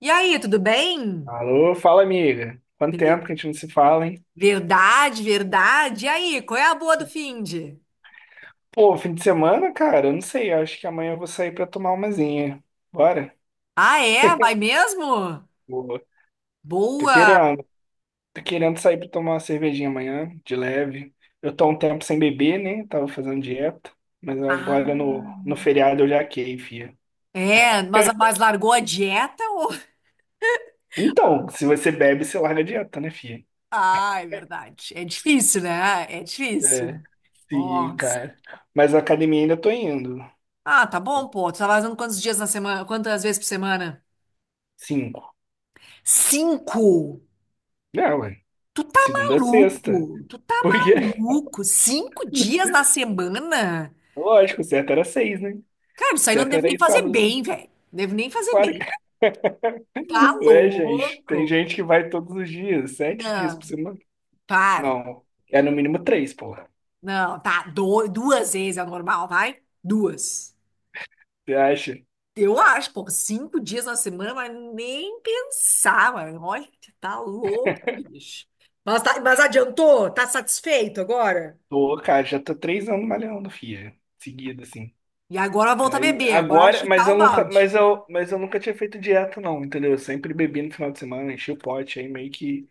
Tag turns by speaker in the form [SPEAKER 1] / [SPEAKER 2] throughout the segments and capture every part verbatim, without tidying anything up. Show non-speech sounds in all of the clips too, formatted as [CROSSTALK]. [SPEAKER 1] E aí, tudo bem?
[SPEAKER 2] Alô, fala amiga. Quanto
[SPEAKER 1] Bele-
[SPEAKER 2] tempo que a gente não se fala, hein?
[SPEAKER 1] Verdade, verdade. E aí, qual é a boa do finde?
[SPEAKER 2] Pô, fim de semana, cara, eu não sei. Eu Acho que amanhã eu vou sair pra tomar umazinha. Bora?
[SPEAKER 1] Ah, é? Vai mesmo?
[SPEAKER 2] Boa. Tô
[SPEAKER 1] Boa.
[SPEAKER 2] querendo. Tô querendo sair pra tomar uma cervejinha amanhã, de leve. Eu tô há um tempo sem beber, né? Tava fazendo dieta. Mas agora no,
[SPEAKER 1] Ah,
[SPEAKER 2] no feriado eu já quei, fia.
[SPEAKER 1] é, mas, mas largou a dieta ou... [LAUGHS]
[SPEAKER 2] Então, se você bebe, você larga a dieta, né, fia?
[SPEAKER 1] Ah, é verdade. É difícil, né? É difícil.
[SPEAKER 2] É, sim,
[SPEAKER 1] Nossa.
[SPEAKER 2] cara. Mas a academia ainda tô indo.
[SPEAKER 1] Ah, tá bom, pô. Tu tá fazendo quantos dias na semana? Quantas vezes por semana?
[SPEAKER 2] Cinco.
[SPEAKER 1] Cinco.
[SPEAKER 2] Não, ué.
[SPEAKER 1] Tu tá
[SPEAKER 2] Segunda a sexta.
[SPEAKER 1] maluco? Tu tá
[SPEAKER 2] Por quê?
[SPEAKER 1] maluco? Cinco dias na semana?
[SPEAKER 2] Lógico, o certo era seis, né? O
[SPEAKER 1] Cara, isso aí não
[SPEAKER 2] certo
[SPEAKER 1] devo
[SPEAKER 2] era
[SPEAKER 1] nem
[SPEAKER 2] ir
[SPEAKER 1] fazer
[SPEAKER 2] sábado também.
[SPEAKER 1] bem, velho. Devo nem fazer
[SPEAKER 2] Claro
[SPEAKER 1] bem.
[SPEAKER 2] que [LAUGHS]
[SPEAKER 1] Tá
[SPEAKER 2] não é, gente. Tem
[SPEAKER 1] louco?
[SPEAKER 2] gente que vai todos os dias, sete dias por
[SPEAKER 1] Não,
[SPEAKER 2] semana.
[SPEAKER 1] para.
[SPEAKER 2] Não, é no mínimo três, porra.
[SPEAKER 1] Não, tá. Do- duas vezes é o normal, vai? Duas.
[SPEAKER 2] Você acha?
[SPEAKER 1] Eu acho, pô, cinco dias na semana, mas nem pensar, mano. Olha, tá louco, bicho. Mas, tá- mas adiantou? Tá satisfeito agora?
[SPEAKER 2] Tô, cara, já tô três anos malhando, filha. Seguido, assim.
[SPEAKER 1] E agora volta a
[SPEAKER 2] Aí,
[SPEAKER 1] beber, agora vai
[SPEAKER 2] agora, mas
[SPEAKER 1] chutar o
[SPEAKER 2] eu nunca,
[SPEAKER 1] balde.
[SPEAKER 2] mas eu, mas eu nunca tinha feito dieta, não, entendeu? Eu sempre bebi no final de semana, enchi o pote, aí meio que.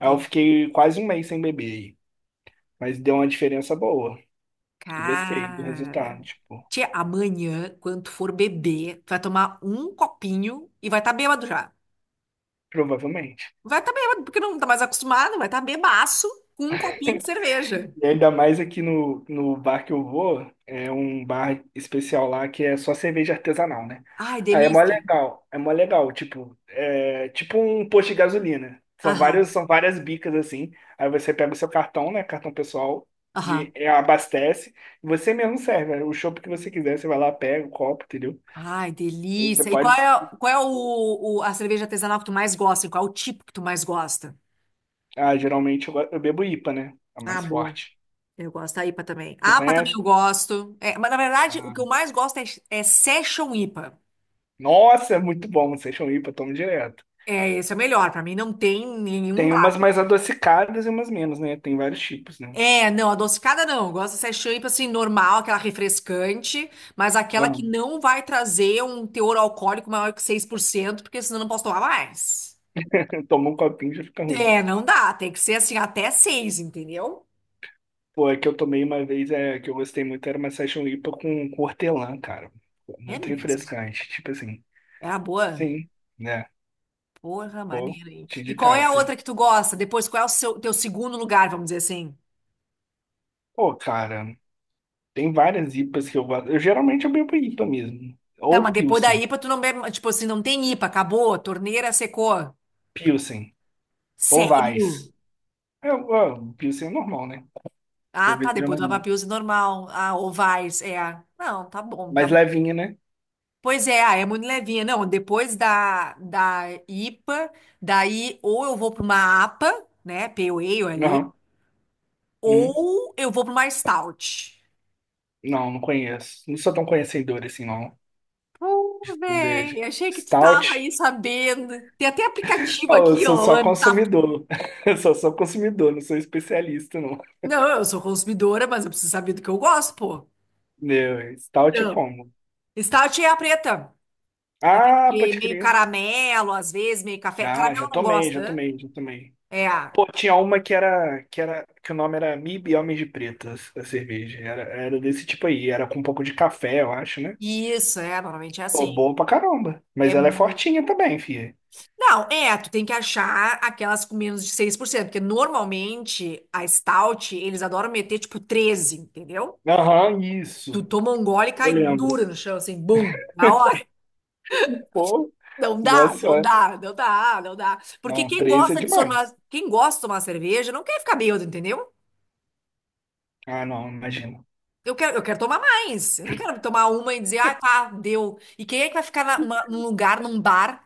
[SPEAKER 2] Aí eu
[SPEAKER 1] Entendi.
[SPEAKER 2] fiquei quase um mês sem beber aí. Mas deu uma diferença boa. Eu gostei do
[SPEAKER 1] Cara.
[SPEAKER 2] resultado, tipo,
[SPEAKER 1] Tia, amanhã, quando tu for beber, tu vai tomar um copinho e vai estar tá bêbado já.
[SPEAKER 2] provavelmente.
[SPEAKER 1] Vai estar tá bêbado, porque não tá mais acostumado, vai estar tá bebaço com um copinho de cerveja.
[SPEAKER 2] E ainda mais aqui no, no bar que eu vou, é um bar especial lá que é só cerveja artesanal, né?
[SPEAKER 1] Ai,
[SPEAKER 2] Aí é mó
[SPEAKER 1] delícia.
[SPEAKER 2] legal, é mó legal, tipo, é tipo um posto de gasolina. São
[SPEAKER 1] Aham,
[SPEAKER 2] vários, são várias bicas assim. Aí você pega o seu cartão, né? Cartão pessoal, de,
[SPEAKER 1] aham.
[SPEAKER 2] é, abastece, e você mesmo serve. Né? O chopp que você quiser, você vai lá, pega o copo, entendeu?
[SPEAKER 1] Ai,
[SPEAKER 2] Aí você
[SPEAKER 1] delícia. E qual
[SPEAKER 2] pode.
[SPEAKER 1] é, qual é o, o- a cerveja artesanal que tu mais gosta? Qual é o tipo que tu mais gosta?
[SPEAKER 2] Ah, geralmente eu, go- eu bebo I P A, né? A
[SPEAKER 1] Ah,
[SPEAKER 2] mais
[SPEAKER 1] boa.
[SPEAKER 2] forte.
[SPEAKER 1] Eu gosto da ipa também.
[SPEAKER 2] Você
[SPEAKER 1] A APA também
[SPEAKER 2] conhece?
[SPEAKER 1] eu gosto. É, mas, na verdade, o
[SPEAKER 2] Ah,
[SPEAKER 1] que eu mais gosto é, é Session ipa.
[SPEAKER 2] nossa, é muito bom. Vocês são I P A, tomo direto.
[SPEAKER 1] É, esse é o melhor. Pra mim, não tem nenhum.
[SPEAKER 2] Tem umas mais adocicadas e umas menos, né? Tem vários tipos, né?
[SPEAKER 1] É, não, adocicada não. Eu gosto dessa champanhe, tipo assim, normal, aquela refrescante, mas aquela
[SPEAKER 2] Ah,
[SPEAKER 1] que não vai trazer um teor alcoólico maior que seis por cento, porque senão eu não posso tomar mais.
[SPEAKER 2] [LAUGHS] eu um copinho e já fica ruim.
[SPEAKER 1] É, não dá. Tem que ser assim, até seis, entendeu?
[SPEAKER 2] Pô, a que eu tomei uma vez, é, que eu gostei muito, era uma Session I P A com, com hortelã, cara. Pô,
[SPEAKER 1] É
[SPEAKER 2] muito
[SPEAKER 1] mesmo.
[SPEAKER 2] refrescante, tipo assim.
[SPEAKER 1] É a boa.
[SPEAKER 2] Sim, né?
[SPEAKER 1] Porra,
[SPEAKER 2] Pô,
[SPEAKER 1] maneira, hein?
[SPEAKER 2] te
[SPEAKER 1] E qual é a
[SPEAKER 2] indicasse.
[SPEAKER 1] outra que tu gosta? Depois, qual é o seu, teu segundo lugar, vamos dizer assim?
[SPEAKER 2] Pô, cara, tem várias I P As que eu gosto. Eu geralmente eu bebo I P A mesmo.
[SPEAKER 1] Tá,
[SPEAKER 2] Ou
[SPEAKER 1] mas depois da
[SPEAKER 2] Pilsen.
[SPEAKER 1] ipa, tu não bebe. Tipo assim, não tem ipa, acabou, a acabou, torneira secou.
[SPEAKER 2] Pilsen. Ou
[SPEAKER 1] Sério?
[SPEAKER 2] Weiss. É, ó, Pilsen é normal, né?
[SPEAKER 1] Ah, tá,
[SPEAKER 2] Cerveja
[SPEAKER 1] depois do
[SPEAKER 2] normal.
[SPEAKER 1] lava-pills normal. Ah, ovais Vars, é. Não, tá bom, tá
[SPEAKER 2] Mais
[SPEAKER 1] bom.
[SPEAKER 2] levinha, né?
[SPEAKER 1] Pois é, ah, é muito levinha. Não, depois da, da ipa, daí ou eu vou para uma apa, né, Pale Ale ali,
[SPEAKER 2] Aham. Uhum.
[SPEAKER 1] ou eu vou para uma Stout.
[SPEAKER 2] Não, não conheço. Não sou tão conhecedor assim, não.
[SPEAKER 1] Pô,
[SPEAKER 2] Veja.
[SPEAKER 1] Véi, achei que tu tava aí
[SPEAKER 2] Stout?
[SPEAKER 1] sabendo. Tem até aplicativo
[SPEAKER 2] Oh, eu
[SPEAKER 1] aqui,
[SPEAKER 2] sou
[SPEAKER 1] ó.
[SPEAKER 2] só
[SPEAKER 1] Tá.
[SPEAKER 2] consumidor. [LAUGHS] Eu sou só sou consumidor, não sou especialista, não.
[SPEAKER 1] Não, eu sou consumidora, mas eu preciso saber do que eu gosto, pô.
[SPEAKER 2] Meu, Stout é
[SPEAKER 1] Então,
[SPEAKER 2] como?
[SPEAKER 1] Stout é a preta. Aquele
[SPEAKER 2] Ah,
[SPEAKER 1] que é
[SPEAKER 2] pode
[SPEAKER 1] meio
[SPEAKER 2] crer.
[SPEAKER 1] caramelo, às vezes, meio café.
[SPEAKER 2] Ah,
[SPEAKER 1] Caramelo
[SPEAKER 2] já
[SPEAKER 1] eu não
[SPEAKER 2] tomei,
[SPEAKER 1] gosta,
[SPEAKER 2] já
[SPEAKER 1] né?
[SPEAKER 2] tomei, já tomei.
[SPEAKER 1] É.
[SPEAKER 2] Pô, tinha uma que era, que era, que o nome era Mib Homens de Pretas, a cerveja. Era, era desse tipo aí, era com um pouco de café, eu acho, né?
[SPEAKER 1] Isso, é, normalmente é
[SPEAKER 2] Pô,
[SPEAKER 1] assim.
[SPEAKER 2] boa pra caramba. Mas
[SPEAKER 1] É
[SPEAKER 2] ela é
[SPEAKER 1] muito.
[SPEAKER 2] fortinha também, filha.
[SPEAKER 1] Não, é, tu tem que achar aquelas com menos de seis por cento porque normalmente a stout, eles adoram meter tipo treze, entendeu?
[SPEAKER 2] Aham,
[SPEAKER 1] Tu
[SPEAKER 2] isso.
[SPEAKER 1] toma um gole e
[SPEAKER 2] Eu
[SPEAKER 1] cai
[SPEAKER 2] lembro.
[SPEAKER 1] dura no chão, assim, bum, na hora.
[SPEAKER 2] Pô,
[SPEAKER 1] Não dá, não
[SPEAKER 2] nossa,
[SPEAKER 1] dá, não dá, não dá. Porque
[SPEAKER 2] não,
[SPEAKER 1] quem
[SPEAKER 2] três é
[SPEAKER 1] gosta de tomar,
[SPEAKER 2] demais.
[SPEAKER 1] quem gosta de tomar cerveja não quer ficar bêbado, entendeu?
[SPEAKER 2] Ah, não, imagina.
[SPEAKER 1] Eu quero, eu quero tomar mais. Eu não quero tomar uma e dizer, ah, tá, deu. E quem é que vai ficar na- uma- num lugar, num bar,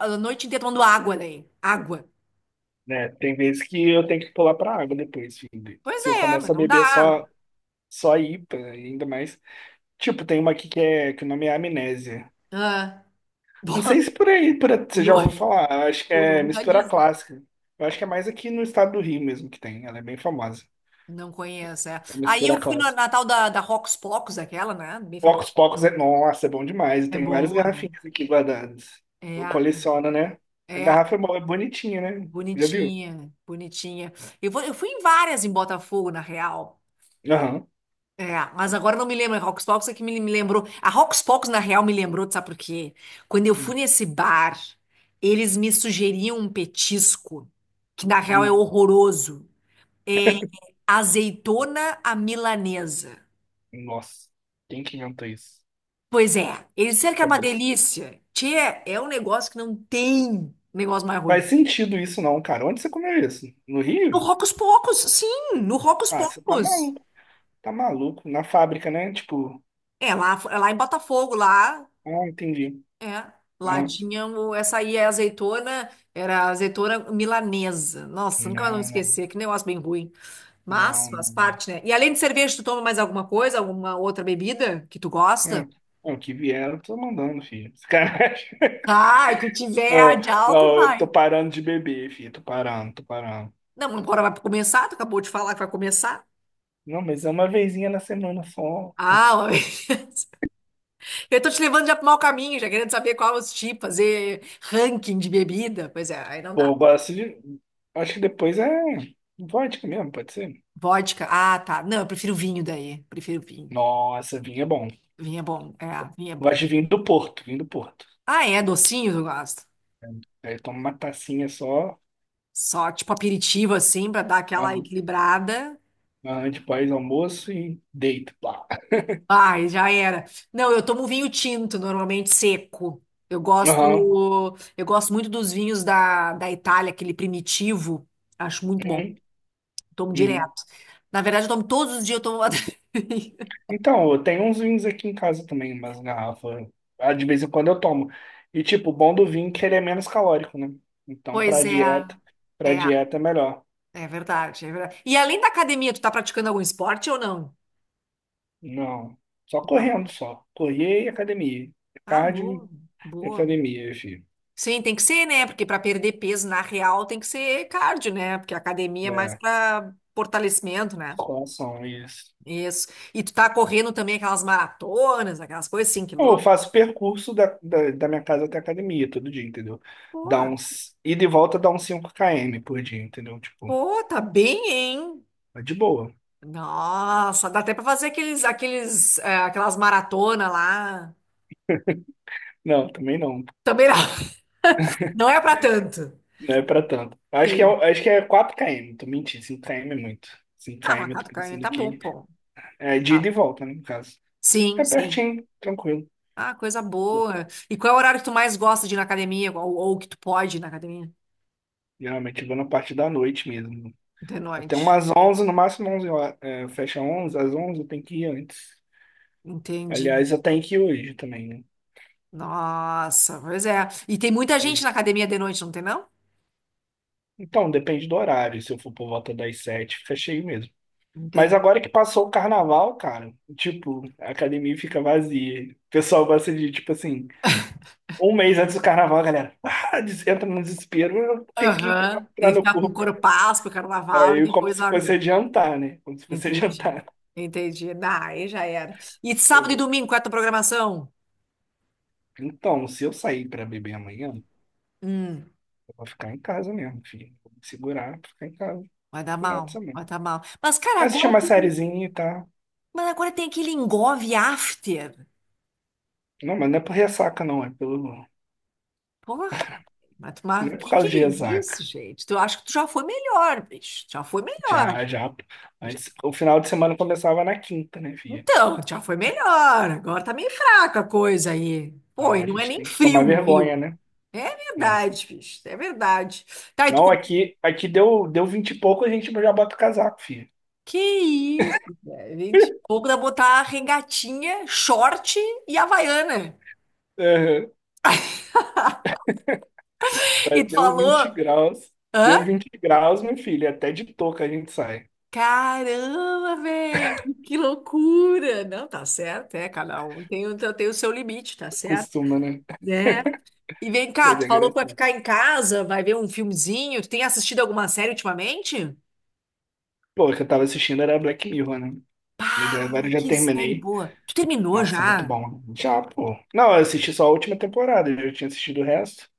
[SPEAKER 1] a a noite inteira tomando água daí? Água.
[SPEAKER 2] Né, tem vezes que eu tenho que pular pra água depois, filho.
[SPEAKER 1] Pois
[SPEAKER 2] Se eu
[SPEAKER 1] é, mas
[SPEAKER 2] começo a
[SPEAKER 1] não dá.
[SPEAKER 2] beber só, só I P A, ainda mais. Tipo, tem uma aqui que, é, que o nome é Amnésia.
[SPEAKER 1] Ah, [LAUGHS]
[SPEAKER 2] Não
[SPEAKER 1] bom,
[SPEAKER 2] sei se por aí, por, aí
[SPEAKER 1] O
[SPEAKER 2] você já ouviu
[SPEAKER 1] nome,
[SPEAKER 2] falar. Eu acho que
[SPEAKER 1] o
[SPEAKER 2] é
[SPEAKER 1] nome já
[SPEAKER 2] mistura
[SPEAKER 1] diz.
[SPEAKER 2] clássica. Eu acho que é mais aqui no estado do Rio mesmo que tem. Ela é bem famosa.
[SPEAKER 1] Não conheço, é.
[SPEAKER 2] É
[SPEAKER 1] Aí eu
[SPEAKER 2] mistura
[SPEAKER 1] fui na, na
[SPEAKER 2] clássica.
[SPEAKER 1] tal da, da Rocos Pocos, aquela, né? Bem famosa.
[SPEAKER 2] Pocos Pocos é. Nossa, é bom demais. Eu
[SPEAKER 1] É
[SPEAKER 2] tenho várias
[SPEAKER 1] bom, é bom.
[SPEAKER 2] garrafinhas aqui guardadas.
[SPEAKER 1] É,
[SPEAKER 2] Eu
[SPEAKER 1] é bom.
[SPEAKER 2] coleciono, né? A
[SPEAKER 1] É,
[SPEAKER 2] garrafa é bo- é bonitinha, né? Já viu?
[SPEAKER 1] bonitinha, bonitinha. Eu, vou- eu fui em várias em Botafogo, na real.
[SPEAKER 2] Aham.
[SPEAKER 1] É, mas agora eu não me lembro. A Rocos Pocos é que me, me lembrou. A Rocos Pocos, na real, me lembrou, tu sabe por quê? Quando eu fui nesse bar, eles me sugeriam um petisco, que na real é
[SPEAKER 2] Hum.
[SPEAKER 1] horroroso. É, azeitona à milanesa.
[SPEAKER 2] Nossa, quem que inventou isso?
[SPEAKER 1] Pois é, eles disseram que é uma
[SPEAKER 2] Cabeça.
[SPEAKER 1] delícia. Tchê, é um negócio que não tem negócio mais
[SPEAKER 2] Faz
[SPEAKER 1] ruim.
[SPEAKER 2] sentido isso não, cara. Onde você comeu isso? No
[SPEAKER 1] No
[SPEAKER 2] Rio?
[SPEAKER 1] Rocos Pocos, sim, no Rocos
[SPEAKER 2] Ah, você tá
[SPEAKER 1] Pocos.
[SPEAKER 2] maluco. Tá maluco. Na fábrica, né? Tipo,
[SPEAKER 1] É, lá, é lá em Botafogo, lá,
[SPEAKER 2] ah, entendi.
[SPEAKER 1] é, lá
[SPEAKER 2] Aham.
[SPEAKER 1] tinha o- essa aí, é azeitona, era azeitona milanesa. Nossa, nunca mais vou
[SPEAKER 2] Não, não,
[SPEAKER 1] esquecer, que negócio bem ruim. Mas
[SPEAKER 2] não, não.
[SPEAKER 1] faz
[SPEAKER 2] Não,
[SPEAKER 1] parte, né? E além de cerveja, tu toma mais alguma coisa, alguma outra bebida que tu
[SPEAKER 2] hum,
[SPEAKER 1] gosta?
[SPEAKER 2] não, o que vieram, eu tô mandando, filho. Esse [LAUGHS]
[SPEAKER 1] Ah, o que
[SPEAKER 2] não,
[SPEAKER 1] tiver de álcool,
[SPEAKER 2] não, eu tô
[SPEAKER 1] vai.
[SPEAKER 2] parando de beber, filho. Tô parando, tô parando.
[SPEAKER 1] Não, agora vai começar, tu acabou de falar que vai começar.
[SPEAKER 2] Não, mas é uma vezinha na semana só.
[SPEAKER 1] Ah, [LAUGHS] eu tô te levando já pro mau caminho, já querendo saber qual os tipos, fazer ranking de bebida. Pois é, aí não
[SPEAKER 2] Pô,
[SPEAKER 1] dá.
[SPEAKER 2] eu gosto de... Acho que depois é vodka mesmo, pode ser?
[SPEAKER 1] Vodka, ah, tá. Não, eu prefiro vinho daí, prefiro vinho.
[SPEAKER 2] Nossa, vinho é bom.
[SPEAKER 1] Vinho é bom, é, vinho é bom.
[SPEAKER 2] Gosto de vinho do Porto, vinho do Porto.
[SPEAKER 1] Ah, é, docinho eu gosto.
[SPEAKER 2] Aí toma uma tacinha só,
[SPEAKER 1] Só tipo aperitivo assim, pra dar aquela
[SPEAKER 2] aham,
[SPEAKER 1] equilibrada.
[SPEAKER 2] aham, de pós-almoço e deito, pá.
[SPEAKER 1] Ai, já era. Não, eu tomo vinho tinto, normalmente seco. Eu
[SPEAKER 2] Aham,
[SPEAKER 1] gosto, eu gosto muito dos vinhos da, da Itália, aquele primitivo. Acho muito bom.
[SPEAKER 2] uhum,
[SPEAKER 1] Tomo
[SPEAKER 2] uhum.
[SPEAKER 1] direto. Na verdade, eu tomo todos os dias, eu tomo uma [LAUGHS] tampinha.
[SPEAKER 2] Então, eu tenho uns vinhos aqui em casa também, umas garrafas. Ah, de vez em quando eu tomo. E, tipo, o bom do vinho é que ele é menos calórico, né? Então, pra
[SPEAKER 1] Pois é,
[SPEAKER 2] dieta, pra
[SPEAKER 1] é,
[SPEAKER 2] dieta é melhor.
[SPEAKER 1] é verdade, é verdade. E além da academia, tu tá praticando algum esporte ou não?
[SPEAKER 2] Não, só
[SPEAKER 1] Não.
[SPEAKER 2] correndo, só. Correr e academia.
[SPEAKER 1] Ah,
[SPEAKER 2] Cardio
[SPEAKER 1] boa,
[SPEAKER 2] e
[SPEAKER 1] boa.
[SPEAKER 2] academia, filho.
[SPEAKER 1] Sim, tem que ser, né? Porque para perder peso na real tem que ser cardio, né? Porque a academia é mais
[SPEAKER 2] É,
[SPEAKER 1] para fortalecimento, né?
[SPEAKER 2] musculação, isso.
[SPEAKER 1] Isso. E tu tá correndo também aquelas maratonas, aquelas coisas, cinco
[SPEAKER 2] Eu
[SPEAKER 1] quilômetros.
[SPEAKER 2] faço percurso da, da, da minha casa até a academia todo dia, entendeu?
[SPEAKER 1] Pô,
[SPEAKER 2] Dá uns, ida e volta dá uns cinco quilômetros por dia, entendeu? Tipo,
[SPEAKER 1] pô, tá bem, hein?
[SPEAKER 2] é de boa.
[SPEAKER 1] Nossa, dá até pra fazer aqueles, aqueles, eh, aquelas maratonas lá.
[SPEAKER 2] Não, também não.
[SPEAKER 1] Também não. [LAUGHS] Não é pra tanto.
[SPEAKER 2] Não é pra tanto. Acho que é,
[SPEAKER 1] Tem.
[SPEAKER 2] acho que é quatro quilômetros, tô mentindo. cinco quilômetros é muito. cinco
[SPEAKER 1] Ah, uma
[SPEAKER 2] km eu tô
[SPEAKER 1] catupiry
[SPEAKER 2] pensando
[SPEAKER 1] tá bom,
[SPEAKER 2] aqui.
[SPEAKER 1] pô.
[SPEAKER 2] É de ida
[SPEAKER 1] Ah,
[SPEAKER 2] e volta, né, no caso.
[SPEAKER 1] sim,
[SPEAKER 2] É
[SPEAKER 1] sim.
[SPEAKER 2] pertinho, tranquilo.
[SPEAKER 1] Ah, coisa boa. E qual é o horário que tu mais gosta de ir na academia? Ou, ou que tu pode ir na academia?
[SPEAKER 2] Geralmente eu vou na parte da noite mesmo.
[SPEAKER 1] De
[SPEAKER 2] Até
[SPEAKER 1] noite.
[SPEAKER 2] umas onze no máximo onze horas. É, fecha onze, às onze eu tenho que ir antes.
[SPEAKER 1] Entendi.
[SPEAKER 2] Aliás, eu tenho que ir hoje também, né?
[SPEAKER 1] Nossa, pois é. E tem muita gente na academia de noite, não tem, não?
[SPEAKER 2] Então, depende do horário. Se eu for por volta das sete, fica cheio mesmo. Mas
[SPEAKER 1] Entendi.
[SPEAKER 2] agora que passou o carnaval, cara, tipo, a academia fica vazia. O pessoal gosta de, tipo assim, um mês antes do carnaval, a galera ah, des- entra no desespero, eu tenho que pegar
[SPEAKER 1] Aham. Tem
[SPEAKER 2] pra
[SPEAKER 1] que
[SPEAKER 2] no
[SPEAKER 1] ficar com
[SPEAKER 2] corpo.
[SPEAKER 1] corpaço pro carnaval e
[SPEAKER 2] Aí, como
[SPEAKER 1] depois
[SPEAKER 2] se fosse
[SPEAKER 1] larga.
[SPEAKER 2] adiantar, né? Como se fosse [LAUGHS]
[SPEAKER 1] Entendi.
[SPEAKER 2] adiantar.
[SPEAKER 1] Entendi. Ah, aí já era. E
[SPEAKER 2] É
[SPEAKER 1] sábado e
[SPEAKER 2] muito.
[SPEAKER 1] domingo, qual é a tua programação?
[SPEAKER 2] Então, se eu sair pra beber amanhã,
[SPEAKER 1] Hum,
[SPEAKER 2] eu vou ficar em casa mesmo, filho. Vou me segurar pra ficar em casa no
[SPEAKER 1] Vai dar
[SPEAKER 2] final de
[SPEAKER 1] mal.
[SPEAKER 2] semana.
[SPEAKER 1] Vai dar mal. Mas, cara,
[SPEAKER 2] Assistir
[SPEAKER 1] agora.
[SPEAKER 2] uma sériezinha e tá.
[SPEAKER 1] Mas agora tem aquele engove after.
[SPEAKER 2] Não, mas não é por ressaca, não, é pelo.
[SPEAKER 1] Porra, mas,
[SPEAKER 2] Não
[SPEAKER 1] mas
[SPEAKER 2] é
[SPEAKER 1] o
[SPEAKER 2] por
[SPEAKER 1] que que
[SPEAKER 2] causa de
[SPEAKER 1] é
[SPEAKER 2] ressaca.
[SPEAKER 1] isso, gente? Tu acho que tu já foi melhor, bicho. Já foi melhor.
[SPEAKER 2] Já, já. Pô.
[SPEAKER 1] Já-
[SPEAKER 2] Antes, o final de semana começava na quinta, né, filha?
[SPEAKER 1] Então, já foi melhor. Agora tá meio fraca a coisa aí. Pô,
[SPEAKER 2] Então
[SPEAKER 1] e
[SPEAKER 2] a
[SPEAKER 1] não é
[SPEAKER 2] gente
[SPEAKER 1] nem
[SPEAKER 2] tem que tomar
[SPEAKER 1] frio no
[SPEAKER 2] vergonha,
[SPEAKER 1] Rio.
[SPEAKER 2] né?
[SPEAKER 1] É
[SPEAKER 2] Não,
[SPEAKER 1] verdade, bicho. É verdade. Tá, e tu
[SPEAKER 2] não,
[SPEAKER 1] come...
[SPEAKER 2] aqui, aqui deu, deu vinte e pouco, a gente já bota o casaco, filha.
[SPEAKER 1] Que isso, velho. Gente, pouco dá botar regatinha, short e havaiana.
[SPEAKER 2] Aham.
[SPEAKER 1] [LAUGHS]
[SPEAKER 2] Aí
[SPEAKER 1] E tu
[SPEAKER 2] deu vinte
[SPEAKER 1] falou.
[SPEAKER 2] graus. Deu
[SPEAKER 1] Hã?
[SPEAKER 2] vinte graus, meu filho. Até de touca a gente sai.
[SPEAKER 1] Caramba, velho, que loucura! Não, tá certo, é, cada um tem, o- tem o seu limite, tá certo?
[SPEAKER 2] Costuma, né?
[SPEAKER 1] É. E vem cá,
[SPEAKER 2] Mas
[SPEAKER 1] tu
[SPEAKER 2] é
[SPEAKER 1] falou que vai
[SPEAKER 2] engraçado.
[SPEAKER 1] ficar em casa, vai ver um filmezinho. Tu tem assistido alguma série ultimamente?
[SPEAKER 2] Pô, o que eu tava assistindo era Black Mirror, né? Mas
[SPEAKER 1] Pá,
[SPEAKER 2] agora eu já
[SPEAKER 1] que série
[SPEAKER 2] terminei.
[SPEAKER 1] boa. Tu terminou
[SPEAKER 2] Nossa, muito
[SPEAKER 1] já?
[SPEAKER 2] bom. Já, pô. Não, eu assisti só a última temporada, eu já tinha assistido o resto.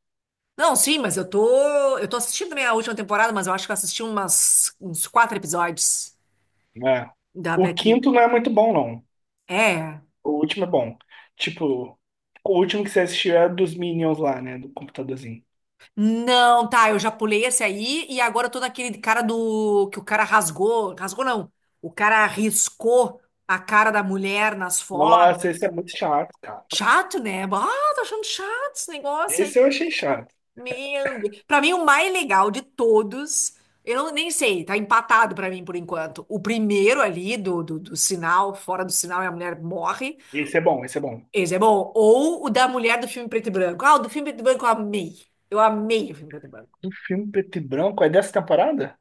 [SPEAKER 1] Não, sim, mas eu tô, eu tô, assistindo também a última temporada, mas eu acho que eu assisti umas, uns quatro episódios
[SPEAKER 2] É.
[SPEAKER 1] da
[SPEAKER 2] O
[SPEAKER 1] Black Mirror.
[SPEAKER 2] quinto não é muito bom, não.
[SPEAKER 1] É.
[SPEAKER 2] O último é bom. Tipo, o último que você assistiu é dos Minions lá, né? Do computadorzinho.
[SPEAKER 1] Não, tá, eu já pulei esse aí e agora eu tô naquele cara do que o cara rasgou, rasgou não. O cara riscou a cara da mulher nas
[SPEAKER 2] Nossa, esse
[SPEAKER 1] fotos.
[SPEAKER 2] é muito chato, cara.
[SPEAKER 1] Chato, né? Ah, tô achando chato esse negócio aí.
[SPEAKER 2] Esse eu achei chato.
[SPEAKER 1] Meu Deus. Pra mim o mais legal de todos, eu não, nem sei, tá empatado pra mim por enquanto. O primeiro ali do, do, do, sinal, fora do sinal e a mulher morre.
[SPEAKER 2] Esse é bom, esse é bom.
[SPEAKER 1] Esse é bom. Ou o da mulher do filme preto e branco. Ah, o do filme preto e branco eu amei. Eu amei o filme preto e branco.
[SPEAKER 2] Do filme preto e branco, é dessa temporada?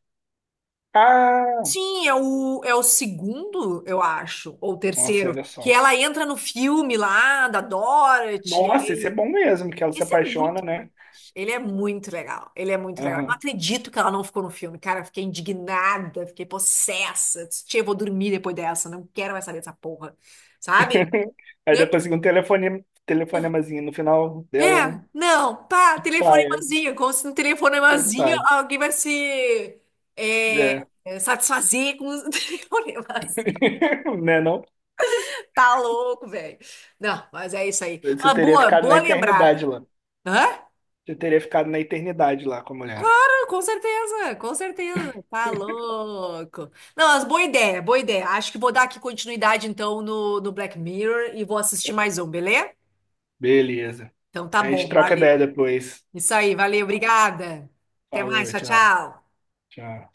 [SPEAKER 2] Ah,
[SPEAKER 1] Sim, é o, é o segundo, eu acho, ou o
[SPEAKER 2] nossa,
[SPEAKER 1] terceiro,
[SPEAKER 2] olha
[SPEAKER 1] que
[SPEAKER 2] só.
[SPEAKER 1] ela entra no filme lá da Dorothy.
[SPEAKER 2] Nossa,
[SPEAKER 1] Aí-
[SPEAKER 2] esse é bom mesmo, que ela se
[SPEAKER 1] Esse é
[SPEAKER 2] apaixona,
[SPEAKER 1] muito,
[SPEAKER 2] né?
[SPEAKER 1] ele é muito legal, ele é muito legal. Eu não
[SPEAKER 2] Aham.
[SPEAKER 1] acredito que ela não ficou no filme, cara, eu fiquei indignada, fiquei possessa. Disse, Tia, eu vou dormir depois dessa, não quero mais saber dessa porra, sabe?
[SPEAKER 2] [LAUGHS] Aí
[SPEAKER 1] Né?
[SPEAKER 2] depois fica um telefone, telefonemazinho no final
[SPEAKER 1] É,
[SPEAKER 2] dela, né?
[SPEAKER 1] não, pá,
[SPEAKER 2] Pai, é,
[SPEAKER 1] telefonemazinho, como se no telefonemazinho
[SPEAKER 2] coitado.
[SPEAKER 1] alguém vai se é,
[SPEAKER 2] É.
[SPEAKER 1] satisfazer com os [LAUGHS] telefonemazinhos.
[SPEAKER 2] [LAUGHS] Né, não?
[SPEAKER 1] Tá louco, velho. Não, mas é isso aí.
[SPEAKER 2] Você
[SPEAKER 1] Uma
[SPEAKER 2] teria
[SPEAKER 1] boa,
[SPEAKER 2] ficado na
[SPEAKER 1] boa lembrada.
[SPEAKER 2] eternidade lá.
[SPEAKER 1] Hã?
[SPEAKER 2] Você teria ficado na eternidade lá com a mulher.
[SPEAKER 1] Ah, com certeza, com certeza. Tá louco. Não, mas boa ideia, boa ideia. Acho que vou dar aqui continuidade, então, no, no, Black Mirror e vou assistir mais um, beleza?
[SPEAKER 2] Beleza.
[SPEAKER 1] Então tá
[SPEAKER 2] A gente
[SPEAKER 1] bom,
[SPEAKER 2] troca
[SPEAKER 1] valeu.
[SPEAKER 2] ideia depois.
[SPEAKER 1] Isso aí, valeu, obrigada. Até mais,
[SPEAKER 2] Falou,
[SPEAKER 1] tchau,
[SPEAKER 2] tchau,
[SPEAKER 1] tchau.
[SPEAKER 2] tchau.